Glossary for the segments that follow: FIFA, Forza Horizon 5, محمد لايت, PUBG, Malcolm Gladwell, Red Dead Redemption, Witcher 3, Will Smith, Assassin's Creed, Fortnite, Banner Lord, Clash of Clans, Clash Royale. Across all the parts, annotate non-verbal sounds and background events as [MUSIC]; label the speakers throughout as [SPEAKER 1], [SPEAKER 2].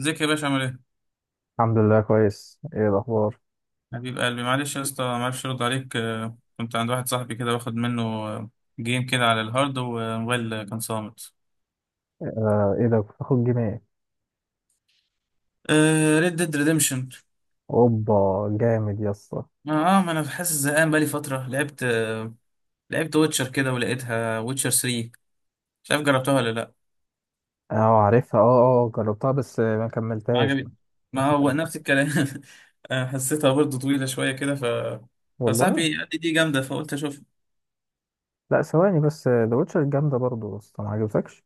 [SPEAKER 1] ازيك يا باشا عامل ايه؟
[SPEAKER 2] الحمد لله كويس. ايه الاخبار؟
[SPEAKER 1] حبيب قلبي، معلش يا اسطى معرفش ارد عليك. كنت عند واحد صاحبي كده واخد منه، جيم كده على الهارد والموبايل، كان صامت.
[SPEAKER 2] آه، ايه ده، كنت باخد جيم إيه؟
[SPEAKER 1] ريد ديد ريديمشن، Red Dead
[SPEAKER 2] اوبا. جامد يا اسطى.
[SPEAKER 1] Redemption. ما انا حاسس زهقان بقالي فترة. لعبت ويتشر كده، ولقيتها ويتشر 3. مش عارف جربتها ولا لا.
[SPEAKER 2] اه، عارفها. اه، اه جربتها بس ما
[SPEAKER 1] ما
[SPEAKER 2] كملتهاش.
[SPEAKER 1] عجبت،
[SPEAKER 2] ما
[SPEAKER 1] ما هو
[SPEAKER 2] ختمتهاش.
[SPEAKER 1] نفس الكلام. [LAUGHS] حسيتها برضه طويلة شوية كده.
[SPEAKER 2] والله.
[SPEAKER 1] فصاحبي قال لي دي جامدة، فقلت اشوف.
[SPEAKER 2] لا، ثواني بس. ذا ويتشر جامده برضه بس ما عجبتكش.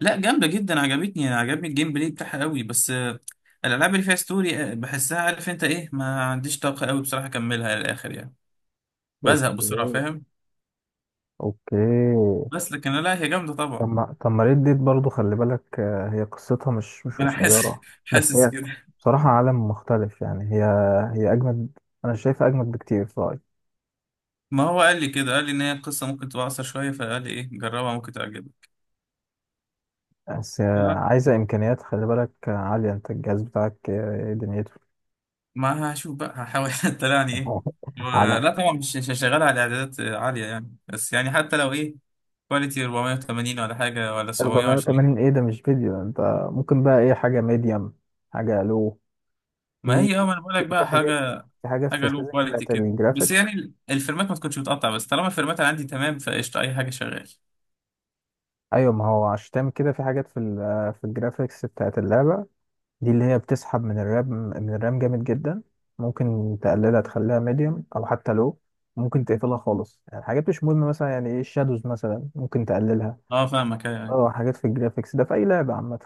[SPEAKER 1] لا جامدة جدا، عجبني الجيم بلاي بتاعها قوي. بس، الألعاب اللي فيها ستوري بحسها، عارف انت ايه، ما عنديش طاقة قوي بصراحة أكملها للآخر يعني، بزهق بسرعة،
[SPEAKER 2] اوكي،
[SPEAKER 1] فاهم.
[SPEAKER 2] اوكي.
[SPEAKER 1] بس لكن لا، هي جامدة
[SPEAKER 2] طب
[SPEAKER 1] طبعا.
[SPEAKER 2] ما طب ما ريد ديد برضه خلي بالك، آه، هي قصتها مش
[SPEAKER 1] أنا حاسس [LAUGHS]
[SPEAKER 2] قصيره. بس
[SPEAKER 1] حاسس
[SPEAKER 2] هي
[SPEAKER 1] كده.
[SPEAKER 2] بصراحه عالم مختلف يعني هي اجمد. انا شايفها اجمد بكتير في رأيي.
[SPEAKER 1] ما هو قال لي كده، قال لي إن هي القصة ممكن تبقى أقصر شوية، فقال لي ايه جربها ممكن تعجبك.
[SPEAKER 2] بس
[SPEAKER 1] لا،
[SPEAKER 2] عايزة إمكانيات خلي بالك عالية. أنت الجهاز بتاعك إيه دنيته؟
[SPEAKER 1] ما هشوف بقى، هحاول [LAUGHS] طلعني ايه.
[SPEAKER 2] [LAUGHS] على
[SPEAKER 1] لا طبعا مش هشغلها على إعدادات عالية يعني، بس يعني حتى لو ايه، كواليتي 480 ولا حاجة، ولا
[SPEAKER 2] 480؟
[SPEAKER 1] 720.
[SPEAKER 2] إيه ده، مش فيديو أنت. ممكن بقى إيه، حاجة ميديم. حاجة لو
[SPEAKER 1] ما
[SPEAKER 2] في
[SPEAKER 1] هي ما انا بقول لك
[SPEAKER 2] في
[SPEAKER 1] بقى
[SPEAKER 2] حاجات
[SPEAKER 1] حاجه،
[SPEAKER 2] في حاجات في
[SPEAKER 1] حاجه لو
[SPEAKER 2] السيزون
[SPEAKER 1] كواليتي
[SPEAKER 2] بتاعت
[SPEAKER 1] كده بس،
[SPEAKER 2] الجرافيك.
[SPEAKER 1] يعني الفريمات ما تكونش متقطع، بس طالما الفريمات اللي عندي تمام فقشطه اي حاجه شغال.
[SPEAKER 2] أيوة، ما هو عشان تعمل كده في حاجات في ال آه، في الجرافيكس بتاعت اللعبة دي، اللي هي بتسحب من الرام جامد جدا. ممكن تقللها، تخليها ميديم. أو حتى لو ممكن تقفلها خالص، يعني حاجات مش مهمة مثلا، يعني إيه الشادوز مثلا، ممكن تقللها.
[SPEAKER 1] اه، فاهمك، ايوه ايوه.
[SPEAKER 2] اه، حاجات في الجرافيكس ده في اي لعبه عامه.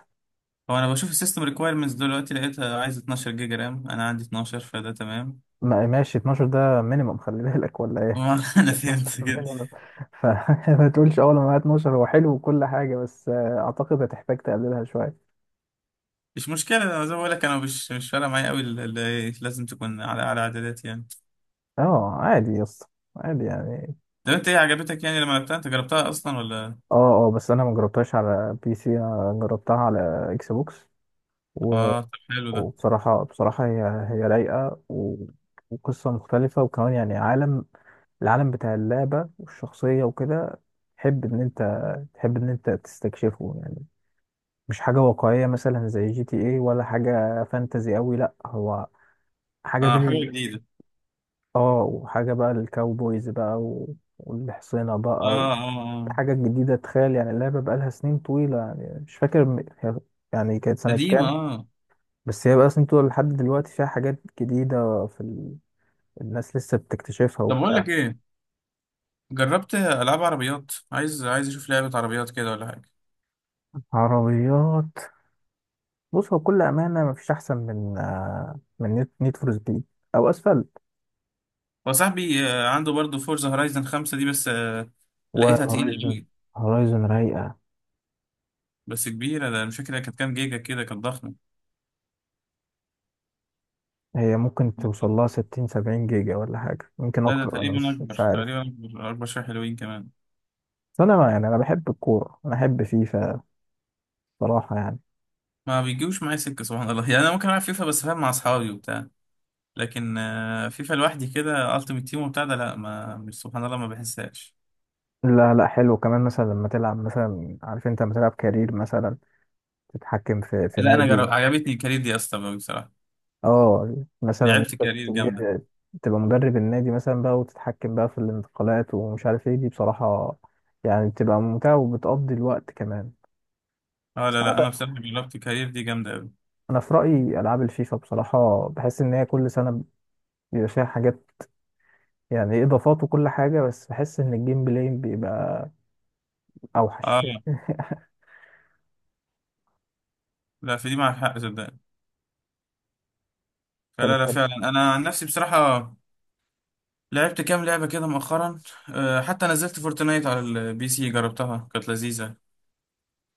[SPEAKER 1] هو انا بشوف السيستم ريكويرمنتس دلوقتي، لقيتها عايز 12 جيجا رام، انا عندي 12 فده تمام.
[SPEAKER 2] ماشي، 12 ده مينيمم خلي بالك ولا ايه؟
[SPEAKER 1] ما [LAUGHS] انا
[SPEAKER 2] 12
[SPEAKER 1] فهمت كده.
[SPEAKER 2] minimum. فما [LAUGHS] تقولش اول ما معايا 12 هو حلو وكل حاجه، بس اعتقد هتحتاج تقللها شويه.
[SPEAKER 1] مش مشكله، انا زي ما بقول لك انا مش فارقه معايا قوي، لازم تكون على اعدادات يعني.
[SPEAKER 2] اه، عادي يا اسطى، عادي يعني.
[SPEAKER 1] طب انت ايه عجبتك يعني لما لعبتها، انت جربتها اصلا ولا؟
[SPEAKER 2] اه، اه، بس انا ما جربتهاش على بي سي، انا جربتها على اكس بوكس. و-
[SPEAKER 1] اه، طب حلو ده.
[SPEAKER 2] وبصراحه هي رايقه، و... وقصه مختلفه، وكمان يعني عالم، العالم بتاع اللعبة والشخصية وكده، تحب إن أنت تحب إن أنت تستكشفه يعني. مش حاجة واقعية مثلا زي جي تي إيه، ولا حاجة فانتزي أوي. لأ، هو حاجة
[SPEAKER 1] اه
[SPEAKER 2] بين ال،
[SPEAKER 1] حاجه جديده.
[SPEAKER 2] آه وحاجة بقى الكاوبويز بقى، و... والحصينة
[SPEAKER 1] اه
[SPEAKER 2] بقى. و...
[SPEAKER 1] اه اه
[SPEAKER 2] حاجة جديدة، تخيل. يعني اللعبة بقالها سنين طويلة، يعني مش فاكر يعني كانت سنة
[SPEAKER 1] قديمه،
[SPEAKER 2] كام.
[SPEAKER 1] اه.
[SPEAKER 2] بس هي بقى سنين طويلة لحد دلوقتي، فيها حاجات جديدة في ال... الناس لسه بتكتشفها
[SPEAKER 1] طب بقول
[SPEAKER 2] وبتاع.
[SPEAKER 1] لك ايه، جربت العاب عربيات؟ عايز، اشوف لعبه عربيات كده ولا حاجه.
[SPEAKER 2] عربيات. بص، هو بكل أمانة مفيش أحسن من نيد فور سبيد، أو أسفلت.
[SPEAKER 1] هو صاحبي عنده برضه فورزا هورايزن 5 دي، بس لقيتها تقيله
[SPEAKER 2] وهورايزن
[SPEAKER 1] قوي،
[SPEAKER 2] هورايزن رايقة.
[SPEAKER 1] بس كبيره. ده أنا مش فاكر هي كانت كام جيجا كده، كانت ضخمه.
[SPEAKER 2] هي ممكن توصل لها 60 70 جيجا ولا حاجة، يمكن
[SPEAKER 1] لا ده
[SPEAKER 2] أكتر، أنا
[SPEAKER 1] تقريبا
[SPEAKER 2] مش
[SPEAKER 1] اكبر،
[SPEAKER 2] عارف.
[SPEAKER 1] تقريبا اكبر شويه، حلوين كمان.
[SPEAKER 2] بس أنا يعني أنا بحب الكورة، أنا بحب فيفا بصراحة يعني.
[SPEAKER 1] ما بيجيوش معايا سكه، سبحان الله. يعني انا ممكن العب فيفا بس فاهم، مع اصحابي وبتاع. لكن فيفا لوحدي كده، التيمت تيم وبتاع ده، لا ما مش سبحان الله ما بحسهاش.
[SPEAKER 2] لا، لا، حلو كمان مثلا لما تلعب مثلا. عارف أنت لما تلعب كارير مثلا، تتحكم في
[SPEAKER 1] لا انا جرب،
[SPEAKER 2] نادي.
[SPEAKER 1] عجبتني الكارير دي اصلا أوي بصراحه،
[SPEAKER 2] اه، مثلا
[SPEAKER 1] لعبت
[SPEAKER 2] انت
[SPEAKER 1] كارير جامده.
[SPEAKER 2] تجي- تبقى مدرب النادي مثلا بقى، وتتحكم بقى في الانتقالات ومش عارف ايه. دي بصراحة يعني بتبقى ممتعة وبتقضي الوقت كمان.
[SPEAKER 1] اه،
[SPEAKER 2] بس
[SPEAKER 1] لا
[SPEAKER 2] انا
[SPEAKER 1] لا انا
[SPEAKER 2] بقى،
[SPEAKER 1] بصراحه جربت كارير دي جامده.
[SPEAKER 2] انا في رأيي العاب الفيفا بصراحة بحس ان هي كل سنة بيبقى فيها حاجات، يعني اضافات وكل حاجة، بس بحس ان الجيم بلاي بيبقى
[SPEAKER 1] اه،
[SPEAKER 2] اوحش [LAUGHS]
[SPEAKER 1] لا في دي معك حق صدقني.
[SPEAKER 2] انت
[SPEAKER 1] فلا لا
[SPEAKER 2] بتحب
[SPEAKER 1] فعلا، انا عن نفسي بصراحه لعبت كام لعبه كده مؤخرا. حتى نزلت فورتنايت على البي سي، جربتها كانت لذيذه،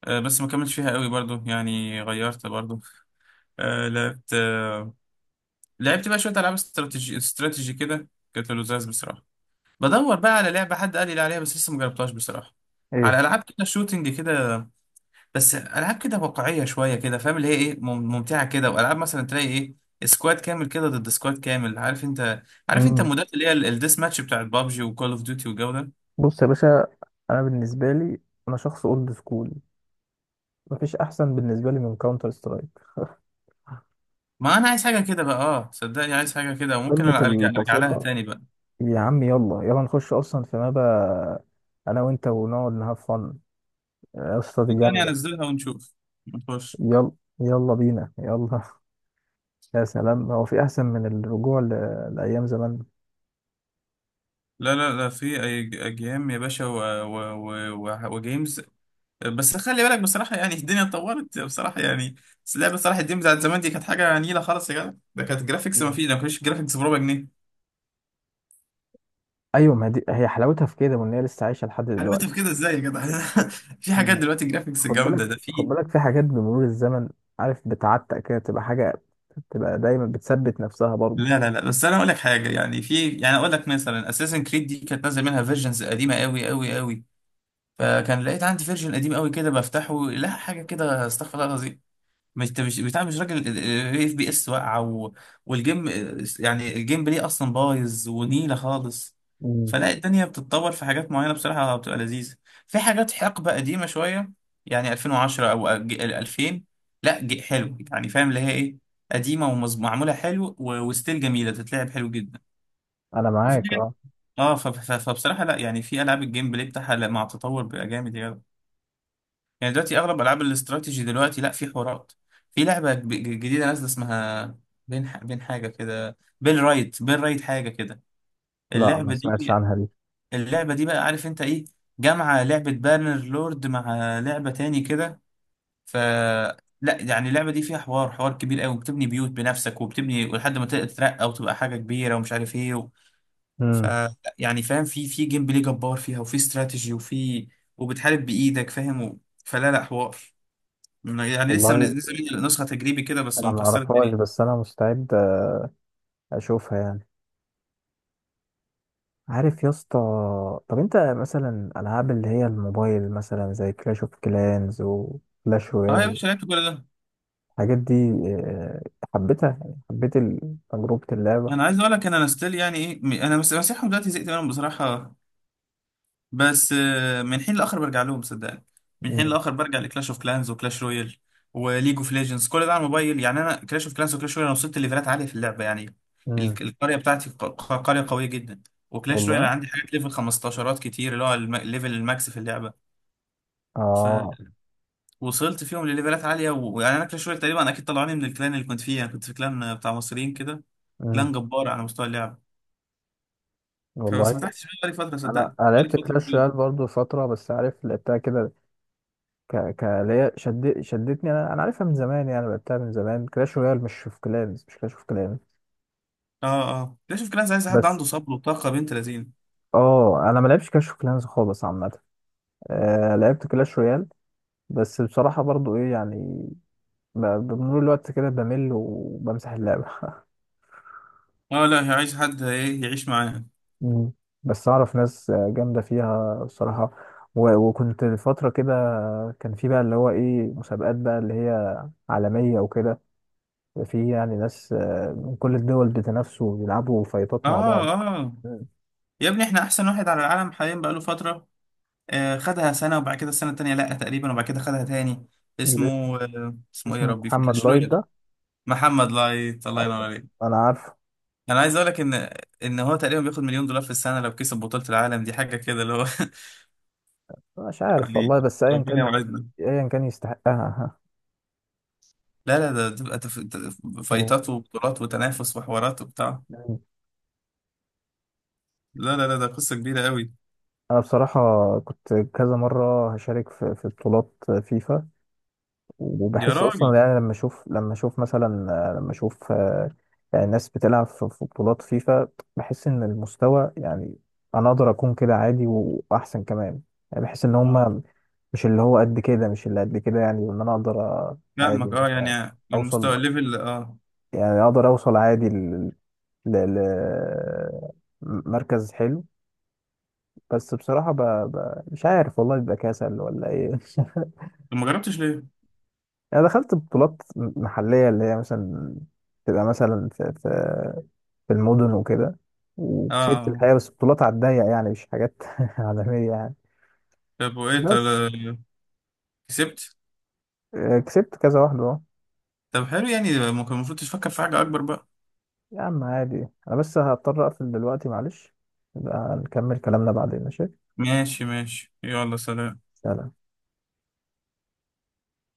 [SPEAKER 1] بس ما كملتش فيها قوي برضو يعني، غيرت برضو. آه، لعبت آه، لعبت بقى شويه العاب استراتيجي كده، كانت لذاذ بصراحه. بدور بقى على لعبه حد قال لي عليها بس لسه ما جربتهاش بصراحه،
[SPEAKER 2] ايه؟
[SPEAKER 1] على العاب كده شوتنج كده. بس العاب كده واقعيه شويه كده، فاهم اللي هي ايه، ممتعه كده، والعاب مثلا تلاقي ايه، سكواد كامل كده ضد سكواد كامل، عارف انت
[SPEAKER 2] امم
[SPEAKER 1] المودات اللي هي الديس ماتش بتاعت بابجي وكول اوف ديوتي والجو ده.
[SPEAKER 2] بص يا باشا، انا بالنسبة لي، انا شخص اولد سكول. مفيش احسن بالنسبة لي من كاونتر سترايك [LAUGHS]
[SPEAKER 1] ما انا عايز حاجه كده بقى، اه صدقني، عايز حاجه كده، وممكن
[SPEAKER 2] قمة
[SPEAKER 1] أنا ارجع لها
[SPEAKER 2] البساطة.
[SPEAKER 1] تاني بقى.
[SPEAKER 2] يا عم يلا يلا نخش اصلا في مابا، انا وانت ونقعد نهاف فن. يا اسطى، دي
[SPEAKER 1] صدقني
[SPEAKER 2] جامده.
[SPEAKER 1] انزلها ونشوف، نخش.
[SPEAKER 2] يلا، يلا بينا، يلا [LAUGHS] يا سلام، هو في احسن من الرجوع ل... لايام زمان؟
[SPEAKER 1] لا لا لا، في اي جيم يا باشا وجيمز، بس خلي بالك بصراحه، يعني الدنيا اتطورت بصراحه يعني. بس اللعبه صلاح الدين بتاعت زمان دي كانت حاجه نيله خالص يا جدع، ده كانت جرافيكس، ما
[SPEAKER 2] مم.
[SPEAKER 1] فيش، ما كانش جرافيكس بربع جنيه.
[SPEAKER 2] ايوه، ما دي هي حلاوتها في كده، وان هي لسه عايشه لحد
[SPEAKER 1] عملت
[SPEAKER 2] دلوقتي.
[SPEAKER 1] في كده ازاي يا جدع. [LAUGHS] في حاجات
[SPEAKER 2] مم.
[SPEAKER 1] دلوقتي جرافيكس
[SPEAKER 2] خد بالك
[SPEAKER 1] جامده ده،
[SPEAKER 2] خد
[SPEAKER 1] في.
[SPEAKER 2] بالك في حاجات بمرور الزمن، عارف، بتعتق كده، تبقى حاجه تبقى دايما بتثبت نفسها برضه.
[SPEAKER 1] لا لا لا، بس انا اقول لك حاجه، يعني في يعني، اقول لك مثلا اساسن كريد دي كانت نازل منها فيرجنز قديمه قوي قوي قوي. فكان لقيت عندي فيرجن قديم قوي كده بفتحه، لا حاجه كده، استغفر الله العظيم. مش انت، مش بتاع، مش راجل. اف بي اس واقعه، والجيم، يعني الجيم بلاي اصلا بايظ ونيله خالص.
[SPEAKER 2] مم.
[SPEAKER 1] فلا، الدنيا بتتطور في حاجات معينه بصراحه بتبقى لذيذه. في حاجات حقبه قديمه شويه، يعني 2010 او 2000، لا حلو يعني فاهم اللي هي ايه، قديمه ومعموله حلو، وستيل جميله، تتلعب حلو جدا.
[SPEAKER 2] انا
[SPEAKER 1] وفي
[SPEAKER 2] معاك،
[SPEAKER 1] حاجات-
[SPEAKER 2] اه.
[SPEAKER 1] اه ف... ف... فبصراحه، لا يعني، في العاب الجيم بلاي بتاعها، لا، مع التطور بقى جامد يعني. يعني دلوقتي اغلب العاب الاستراتيجي دلوقتي، لا، في حوارات. في لعبه جديده نازله، اسمها بين رايت حاجه كده،
[SPEAKER 2] لا، ما
[SPEAKER 1] اللعبه
[SPEAKER 2] سمعتش
[SPEAKER 1] دي
[SPEAKER 2] عنها دي.
[SPEAKER 1] اللعبه دي بقى، عارف انت ايه، جامعه لعبه بانر لورد مع لعبه تاني كده. ف لا يعني اللعبه دي فيها حوار، حوار كبير قوي، بتبني بيوت بنفسك، وبتبني لحد ما تترقى وتبقى حاجه كبيره ومش عارف ايه، ف
[SPEAKER 2] امم
[SPEAKER 1] يعني فاهم، في جيم بلاي جبار فيها، وفي استراتيجي، وبتحارب بايدك، فاهم، فلا لا حوار. يعني لسه
[SPEAKER 2] والله
[SPEAKER 1] منزلين نسخه تجريبي كده بس،
[SPEAKER 2] انا ما
[SPEAKER 1] ومكسره
[SPEAKER 2] اعرفهاش،
[SPEAKER 1] الدنيا.
[SPEAKER 2] بس انا مستعد اشوفها يعني. عارف يا اسطى، طب انت مثلا العاب اللي هي الموبايل مثلا زي كلاش اوف كلانز وكلاش
[SPEAKER 1] اه يا
[SPEAKER 2] رويال،
[SPEAKER 1] باشا، لعبت كل ده.
[SPEAKER 2] الحاجات دي، آه، حبيتها يعني، حبيت تجربة اللعبة.
[SPEAKER 1] انا عايز اقول لك، أنا ستيل يعني ايه، انا بس مسيحهم دلوقتي، زهقت منهم بصراحه، بس من حين لاخر برجع لهم صدقني، من حين
[SPEAKER 2] مم.
[SPEAKER 1] لاخر برجع لكلاش اوف كلانز وكلاش رويال وليج اوف ليجندز، كل ده على الموبايل. يعني انا كلاش اوف كلانز وكلاش رويال، انا وصلت ليفلات عاليه في اللعبه، يعني
[SPEAKER 2] مم.
[SPEAKER 1] القريه بتاعتي قريه قويه جدا. وكلاش رويال
[SPEAKER 2] والله.
[SPEAKER 1] عندي حاجات ليفل 15 كتير، اللي هو ليفل الماكس في اللعبه.
[SPEAKER 2] اه.
[SPEAKER 1] وصلت فيهم لليفلات عاليه، ويعني انا كلاش رويال تقريبا اكيد طلعوني من الكلان اللي كنت فيه. انا كنت في كلان بتاع مصريين كده، كلان
[SPEAKER 2] مم.
[SPEAKER 1] جبار على مستوى اللعب.
[SPEAKER 2] والله
[SPEAKER 1] فبس ما فتحتش بقى بقالي فتره،
[SPEAKER 2] انا
[SPEAKER 1] صدقني
[SPEAKER 2] انا
[SPEAKER 1] بقالي
[SPEAKER 2] لعبت
[SPEAKER 1] فتره
[SPEAKER 2] كلاش
[SPEAKER 1] كبيره.
[SPEAKER 2] رويال برضو فترة، بس عارف لعبتها كده. ك ك اللي هي شدتني. انا عارفها من زمان، يعني لعبتها من زمان. كلاش رويال، مش اوف كلانز، مش كلاش اوف كلانز.
[SPEAKER 1] اه اه، ليش في كلان عايز حد
[SPEAKER 2] بس
[SPEAKER 1] عنده صبر وطاقه بنت لذين.
[SPEAKER 2] اه، انا ما لعبتش كلاش اوف كلانز خالص عامة. آه، لعبت كلاش رويال. بس بصراحة برضو ايه يعني، ب- بمرور الوقت كده بمل وبمسح اللعبة [LAUGHS]
[SPEAKER 1] اه، لا هي عايز حد ايه يعيش معانا.
[SPEAKER 2] مم. بس اعرف ناس جامدة فيها بصراحة. وكنت فترة كده، كان في بقى اللي هو ايه، مسابقات بقى اللي هي عالمية وكده. في يعني ناس من كل الدول بتنافسوا ويلعبوا فايتات مع بعض.
[SPEAKER 1] اه اه،
[SPEAKER 2] مم.
[SPEAKER 1] يا ابني احنا احسن واحد على العالم حاليا بقاله فتره، آه خدها سنه، وبعد كده السنه التانيه لا تقريبا، وبعد كده خدها تاني.
[SPEAKER 2] اللي اسمه،
[SPEAKER 1] اسمه، اسمه ايه يا
[SPEAKER 2] اسمه
[SPEAKER 1] ربي في
[SPEAKER 2] محمد
[SPEAKER 1] كلاش
[SPEAKER 2] لايت
[SPEAKER 1] رويال؟
[SPEAKER 2] ده.
[SPEAKER 1] محمد لايت، الله ينور
[SPEAKER 2] أيوة،
[SPEAKER 1] عليك.
[SPEAKER 2] انا عارفه.
[SPEAKER 1] انا عايز اقول لك ان هو تقريبا بياخد $1 مليون في السنه لو كسب بطوله العالم دي، حاجه كده اللي هو. [LAUGHS]
[SPEAKER 2] مش عارف
[SPEAKER 1] يعني
[SPEAKER 2] والله، بس ايا
[SPEAKER 1] ربنا
[SPEAKER 2] كان،
[SPEAKER 1] يوعدنا.
[SPEAKER 2] ايا كان يستحقها.
[SPEAKER 1] لا لا ده تبقى
[SPEAKER 2] [LAUGHS] أوه.
[SPEAKER 1] فايتات وبطولات وتنافس وحوارات وبتاع. لا لا لا، ده قصه كبيره قوي.
[SPEAKER 2] انا بصراحه كنت كذا مره هشارك في بطولات فيفا.
[SPEAKER 1] يا
[SPEAKER 2] وبحس اصلا
[SPEAKER 1] راجل.
[SPEAKER 2] يعني لما اشوف مثلا، لما اشوف يعني ناس بتلعب في بطولات فيفا، بحس ان المستوى يعني انا اقدر اكون كده عادي واحسن كمان. يعني بحس ان
[SPEAKER 1] اه
[SPEAKER 2] هم مش اللي هو قد كده، مش اللي قد كده يعني، وان انا اقدر أ-
[SPEAKER 1] فاهمك،
[SPEAKER 2] عادي
[SPEAKER 1] اه
[SPEAKER 2] مثلا
[SPEAKER 1] يعني المستوى
[SPEAKER 2] اوصل.
[SPEAKER 1] الليفل، اه.
[SPEAKER 2] يعني اقدر اوصل عادي ل مركز حلو. بس بصراحة مش عارف والله، بيبقى كسل ولا ايه [LAUGHS]
[SPEAKER 1] طب ما جربتش ليه؟
[SPEAKER 2] انا دخلت بطولات محلية اللي هي مثلا تبقى مثلا في في المدن وكده،
[SPEAKER 1] اه.
[SPEAKER 2] وكسبت
[SPEAKER 1] آه.
[SPEAKER 2] الحقيقة، بس بطولات على الضيق يعني، مش حاجات [LAUGHS] عالمية يعني.
[SPEAKER 1] طب وايه، طب
[SPEAKER 2] بس
[SPEAKER 1] كسبت؟
[SPEAKER 2] كسبت كذا واحدة اهو.
[SPEAKER 1] طب حلو يعني، ممكن المفروض تفكر في حاجه اكبر بقى.
[SPEAKER 2] يا عم عادي، انا بس هضطر اقفل دلوقتي معلش. نبقى نكمل كلامنا بعدين، ماشي.
[SPEAKER 1] ماشي ماشي، يلا سلام.
[SPEAKER 2] سلام.